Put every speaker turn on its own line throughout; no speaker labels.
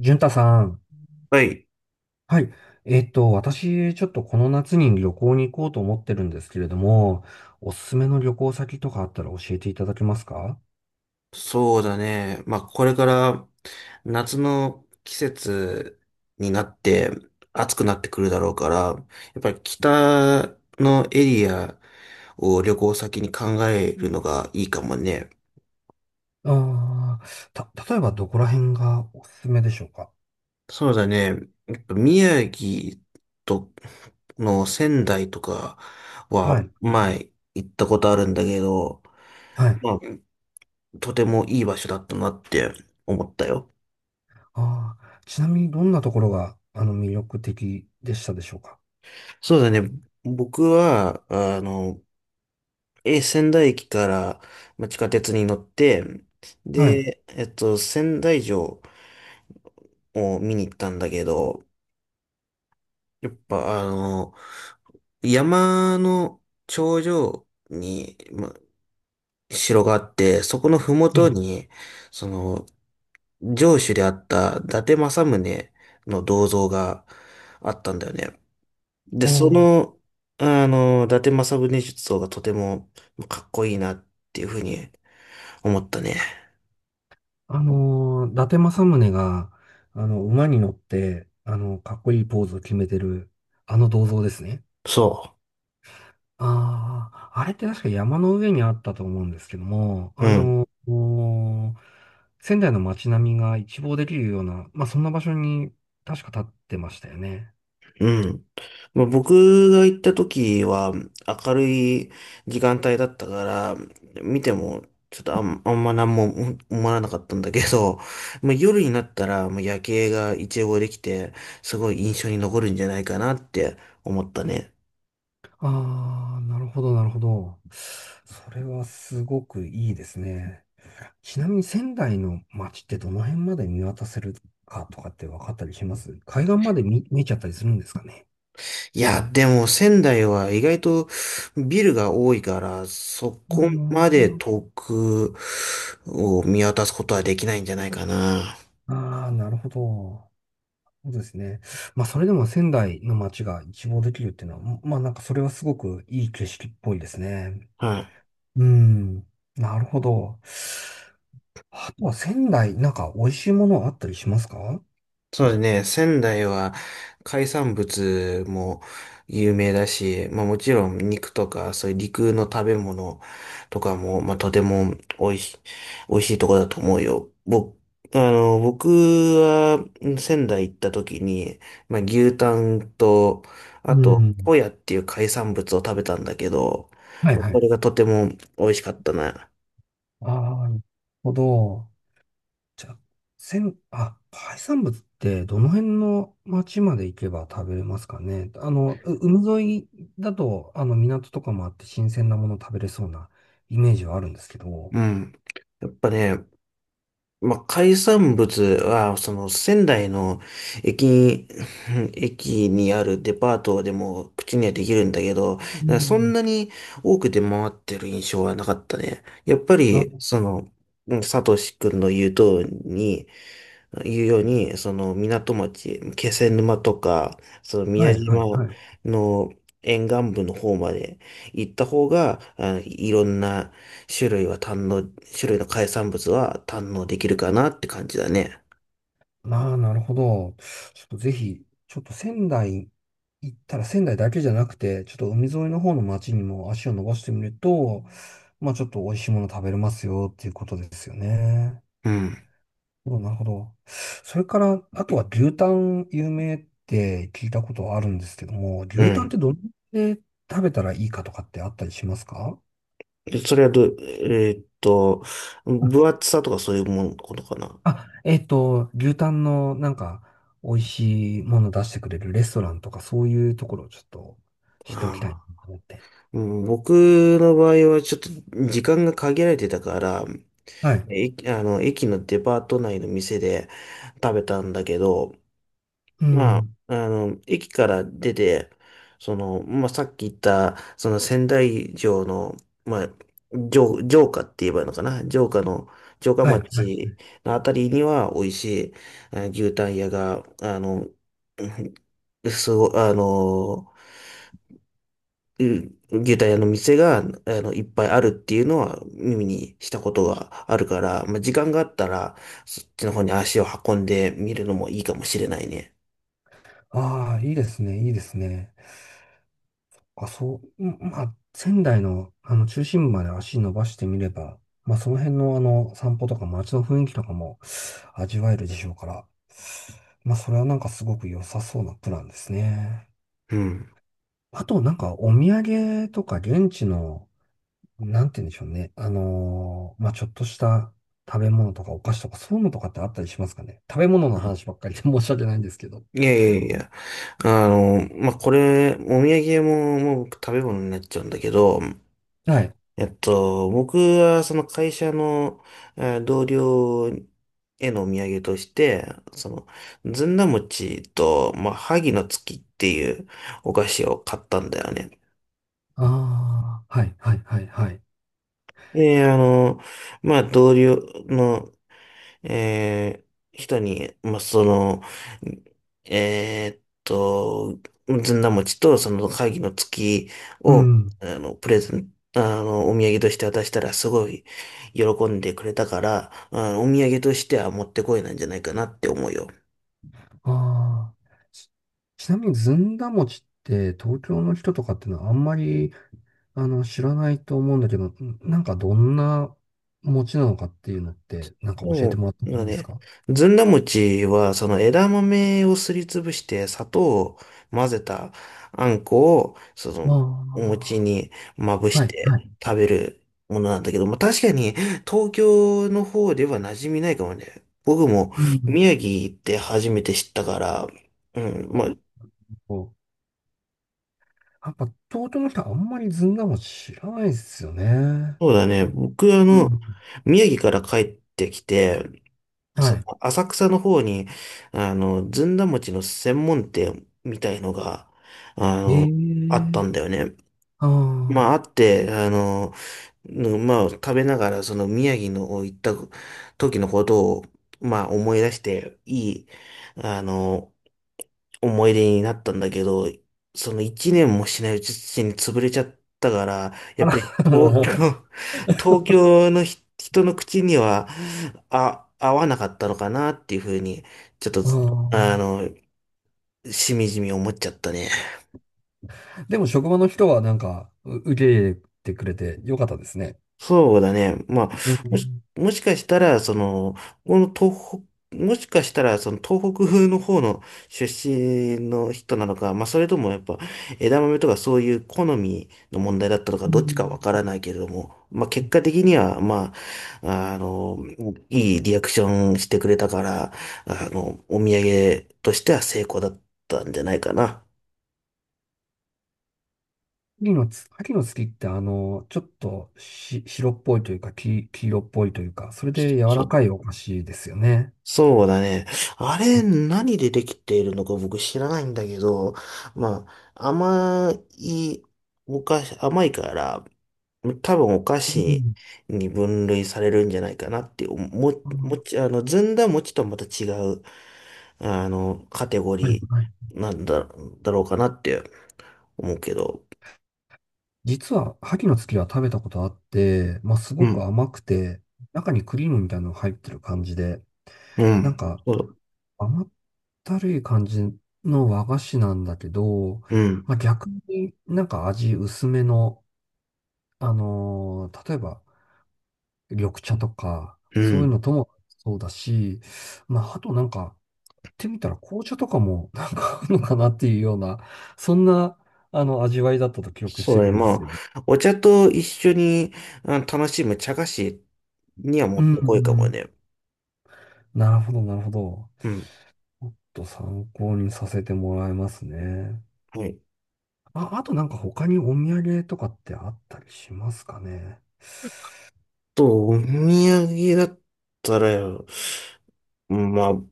潤太さん。
はい。
はい。私、ちょっとこの夏に旅行に行こうと思ってるんですけれども、おすすめの旅行先とかあったら教えていただけますか？
そうだね。まあ、これから夏の季節になって暑くなってくるだろうから、やっぱり北のエリアを旅行先に考えるのがいいかもね。
ああー、例えばどこら辺がおすすめでしょうか？
そうだね。やっぱ宮城との仙台とか
は
は
い。
前行ったことあるんだけど、
はい。
まあ、とてもいい場所だったなって思ったよ。
ああ、ちなみにどんなところが、魅力的でしたでしょうか？
そうだね。僕は、仙台駅から、まあ、地下鉄に乗って、
はい。
で、仙台城を見に行ったんだけど、やっぱ山の頂上に、まあ、城があって、そこの
え
麓
え。
に、その、城主であった伊達政宗の銅像があったんだよね。
あ
で、そ
ー。
の、あの、伊達政宗像がとてもかっこいいなっていうふうに思ったね。
伊達政宗が、馬に乗って、かっこいいポーズを決めてる、あの銅像ですね。
そう。
ああ、あれって確か山の上にあったと思うんですけども、
うん、
仙台の街並みが一望できるような、まあ、そんな場所に確か立ってましたよね。
うん。まあ、僕が行った時は明るい時間帯だったから、見てもちょっとあん、あんま何も思わなかったんだけど、まあ、夜になったらもう夜景が一望できて、すごい印象に残るんじゃないかなって思ったね。
ああ、なるほど、なるほど。それはすごくいいですね。ちなみに仙台の街ってどの辺まで見渡せるかとかって分かったりします？海岸まで見えちゃったりするんですかね。
いや、でも仙台は意外とビルが多いから、そ
う
こ
ん、
まで遠くを見渡すことはできないんじゃないかな。
ああ、なるほど。そうですね。まあ、それでも仙台の街が一望できるっていうのは、まあ、なんかそれはすごくいい景色っぽいですね。
はい。
うん。なるほど。あとは仙台、なんか美味しいものあったりしますか？
そうですね。仙台は海産物も有名だし、まあもちろん肉とかそういう陸の食べ物とかも、まあとても美味しいとこだと思うよ。僕は仙台行った時に、まあ牛タンと、あ
う
と、
ん。
ホヤっていう海産物を食べたんだけど、
はい
まあ、
は
これ
い。
がとても美味しかったな。
ああ、なるほど。じゃあ、海産物ってどの辺の町まで行けば食べれますかね。海沿いだと、あの、港とかもあって新鮮なもの食べれそうなイメージはあるんですけど。
うん。やっぱね、まあ、海産物は、その仙台の駅に、駅にあるデパートでも口にはできるんだけど、
う
そん
ん。
なに多く出回ってる印象はなかったね。やっぱり、
あ、
その、うんサトシ君の言う通りに、いうように、その港町、気仙沼とか、その
は
宮
いは
島
いはい。
の沿岸部の方まで行った方が、あいろんな種類は堪能、種類の海産物は堪能できるかなって感じだね。
ああ、なるほど。ちょっとぜひ、ちょっと仙台行ったら仙台だけじゃなくて、ちょっと海沿いの方の町にも足を伸ばしてみると、まあちょっと美味しいもの食べれますよっていうことですよね。
うん。
お、なるほど。それから、あとは牛タン有名って聞いたことあるんですけども、
う
牛タンっ
ん。
てどれで食べたらいいかとかってあったりしますか？
でそれはどう、分厚さとかそういうものことかな。
あ、牛タンのなんか美味しいもの出してくれるレストランとかそういうところをちょっと知っておきたいな
ああ。
と思って。
うん僕の場合はちょっと時間が限られてたから、
はい。
あの、駅のデパート内の店で食べたんだけど、
う
まあ、
ん。
あの、駅から出て、その、まあ、さっき言った、その仙台城の、まあ、城下って言えばいいのかな城下の、城下
はい。はい。
町のあたりには美味しい、あ牛タン屋が、あの、うんすご、あの、うん牛タン屋の店が、あの、いっぱいあるっていうのは耳にしたことがあるから、まあ、時間があったら、そっちの方に足を運んでみるのもいいかもしれないね。
ああ、いいですね。いいですね。あ、そう、うん、まあ、仙台のあの中心部まで足伸ばしてみれば、まあ、その辺のあの散歩とか街の雰囲気とかも味わえるでしょうから、まあ、それはなんかすごく良さそうなプランですね。
うん。
あと、なんかお土産とか現地のなんて言うんでしょうね。まあ、ちょっとした食べ物とかお菓子とかそういうのとかってあったりしますかね。食べ物の話ばっかりで 申し訳ないんですけど。
いやいやいや、あの、まあ、これ、お土産屋も、もう僕食べ物になっちゃうんだけど、
はい。
僕はその会社の、同僚へのお土産として、その、ずんだ餅と、まあ、萩の月っていうお菓子を買ったんだよね。
ああ、はい、はい、はい、はい。
で、あの、まあ、同僚の、えー人に、まあ、その、えーっと、ずんだ餅と、その、会議の月
う
を、
ん。
プレゼン、あの、お土産として渡したら、すごい喜んでくれたから、あのお土産としては持ってこいなんじゃないかなって思うよ。
ああ。ちちなみにずんだ餅って東京の人とかっていうのはあんまり、知らないと思うんだけど、なんかどんな餅なのかっていうのって、なんか教えて
も
もらって
う、
も
なん
い
か
いです
ね、
か？
ずんだ餅は、その枝豆をすりつぶして、砂糖を混ぜたあんこを、その、
あ
お
あ
餅にまぶ
ー、は
し
い、
て
はい。
食べるものなんだけど、まあ、確かに、東京の方では馴染みないかもね。僕も、
うん。
宮城行って初めて知ったから、うん、まあ、
やっぱ、弟の人はあんまりずんだも知らないですよね。
そうだね。僕、あ
う
の、
ん。
宮城から帰ってきて、
は
その
い。
浅草の方に、あの、ずんだ餅の専門店みたいのが、あ
え
の、あった
え。
んだよね。ま
あ
あ、あって、あの、うんまあ、食べながら、その宮城の行った時のことを、まあ、思い出して、いい、あの、思い出になったんだけど、その一年もしないうちに潰れちゃったから、や
あ。あ
っぱり
ら、も
東京の人の口には、あ、合わなかったのかなっていうふうに、ちょっと、
う。
あ
あ
の、しみじみ思っちゃったね。
あ。でも職場の人はなんか、受け入れてくれてよかったですね。
そうだね。まあ、
うん。
もしかしたら、その、この東北、もしかしたら、その東北風の方の出身の人なのか、まあ、それともやっぱ枝豆とかそういう好みの問題だったのか、
う
どっちか
ん。
わからないけれども、まあ、結果的には、まあ、あの、いいリアクションしてくれたから、あの、お土産としては成功だったんじゃないかな。
秋の月ってあの、ちょっとし、白っぽいというか、黄色っぽいというか、それで柔
そ
らか
う。
いお菓子ですよね。
そうだね。あれ、
う
何でできているのか僕知らないんだけど、まあ、お菓子、甘いから、多分お菓子
ん。
に分類されるんじゃないかなって、
ああ、
あの、ずんだ餅とはまた違う、あの、カテゴ
はい。
リーなんだ、だろうかなって思うけど。
実は、萩の月は食べたことあって、まあ、す
う
ごく
ん。
甘くて、中にクリームみたいなのが入ってる感じで、
う
なん
ん。
か、
そう。
甘ったるい感じの和菓子なんだけど、
うん。
まあ、逆になんか味薄めの、例えば、緑茶とか、
う
そういう
ん。
のともそうだし、まあ、あとなんか、ってみたら紅茶とかも なんかあるのかなっていうような、そんな、味わいだったと記憶して
そうね、
るんです
ま
けど。
あ、お茶と一緒にあ楽しむ茶菓子にはも
う
っ
ん。う
てこいかも
ん。
ね。
なるほど、なるほど。
うん。
ちょっと参考にさせてもらいますね。
はい。
あ、あとなんか他にお土産とかってあったりしますかね。
と、お土産だったら、まあ、ま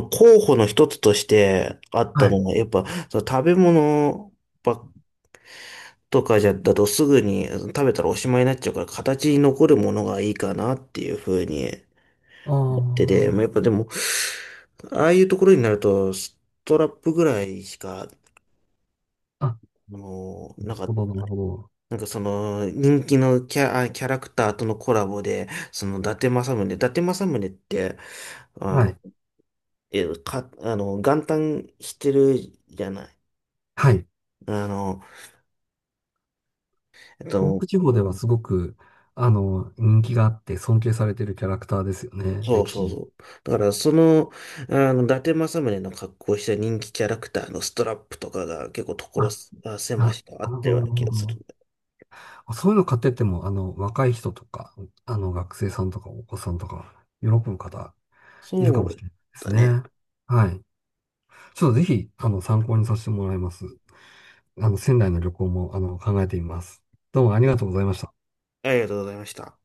あ、候補の一つとしてあった
は
の
い。
が、やっぱ、その食べ物ばっとかじゃ、だとすぐに食べたらおしまいになっちゃうから、形に残るものがいいかなっていうふうに思って
あ
て、まあ、やっぱでも、ああいうところになると、ストラップぐらいしか
あ、なる
あのなん
ほ
か、
ど、なるほど。
なんかその、人気のキャ、あキャラクターとのコラボで、その、伊達政宗って、あ
は
の、
い。
あの、元旦してるじゃない。
はい。
あの、えっ
東
と、
北地方ではすごく、人気があって尊敬されてるキャラクターですよね。
そう
歴
そう
史。
そう。だから、その、あの、伊達政宗の格好をした人気キャラクターのストラップとかが結構
あ、
所
あ、
狭
な
しとあっ
る
た
ほ
よう
ど、
な気
な
が
るほ
する
ど。
んだ。
あ、そういうの買ってっても、若い人とか、学生さんとかお子さんとか、喜ぶ方いるか
そ
もし
う
れないです
だ
ね。
ね。
はい。ちょっとぜひ、参考にさせてもらいます。仙台の旅行も、考えてみます。どうもありがとうございました。
ありがとうございました。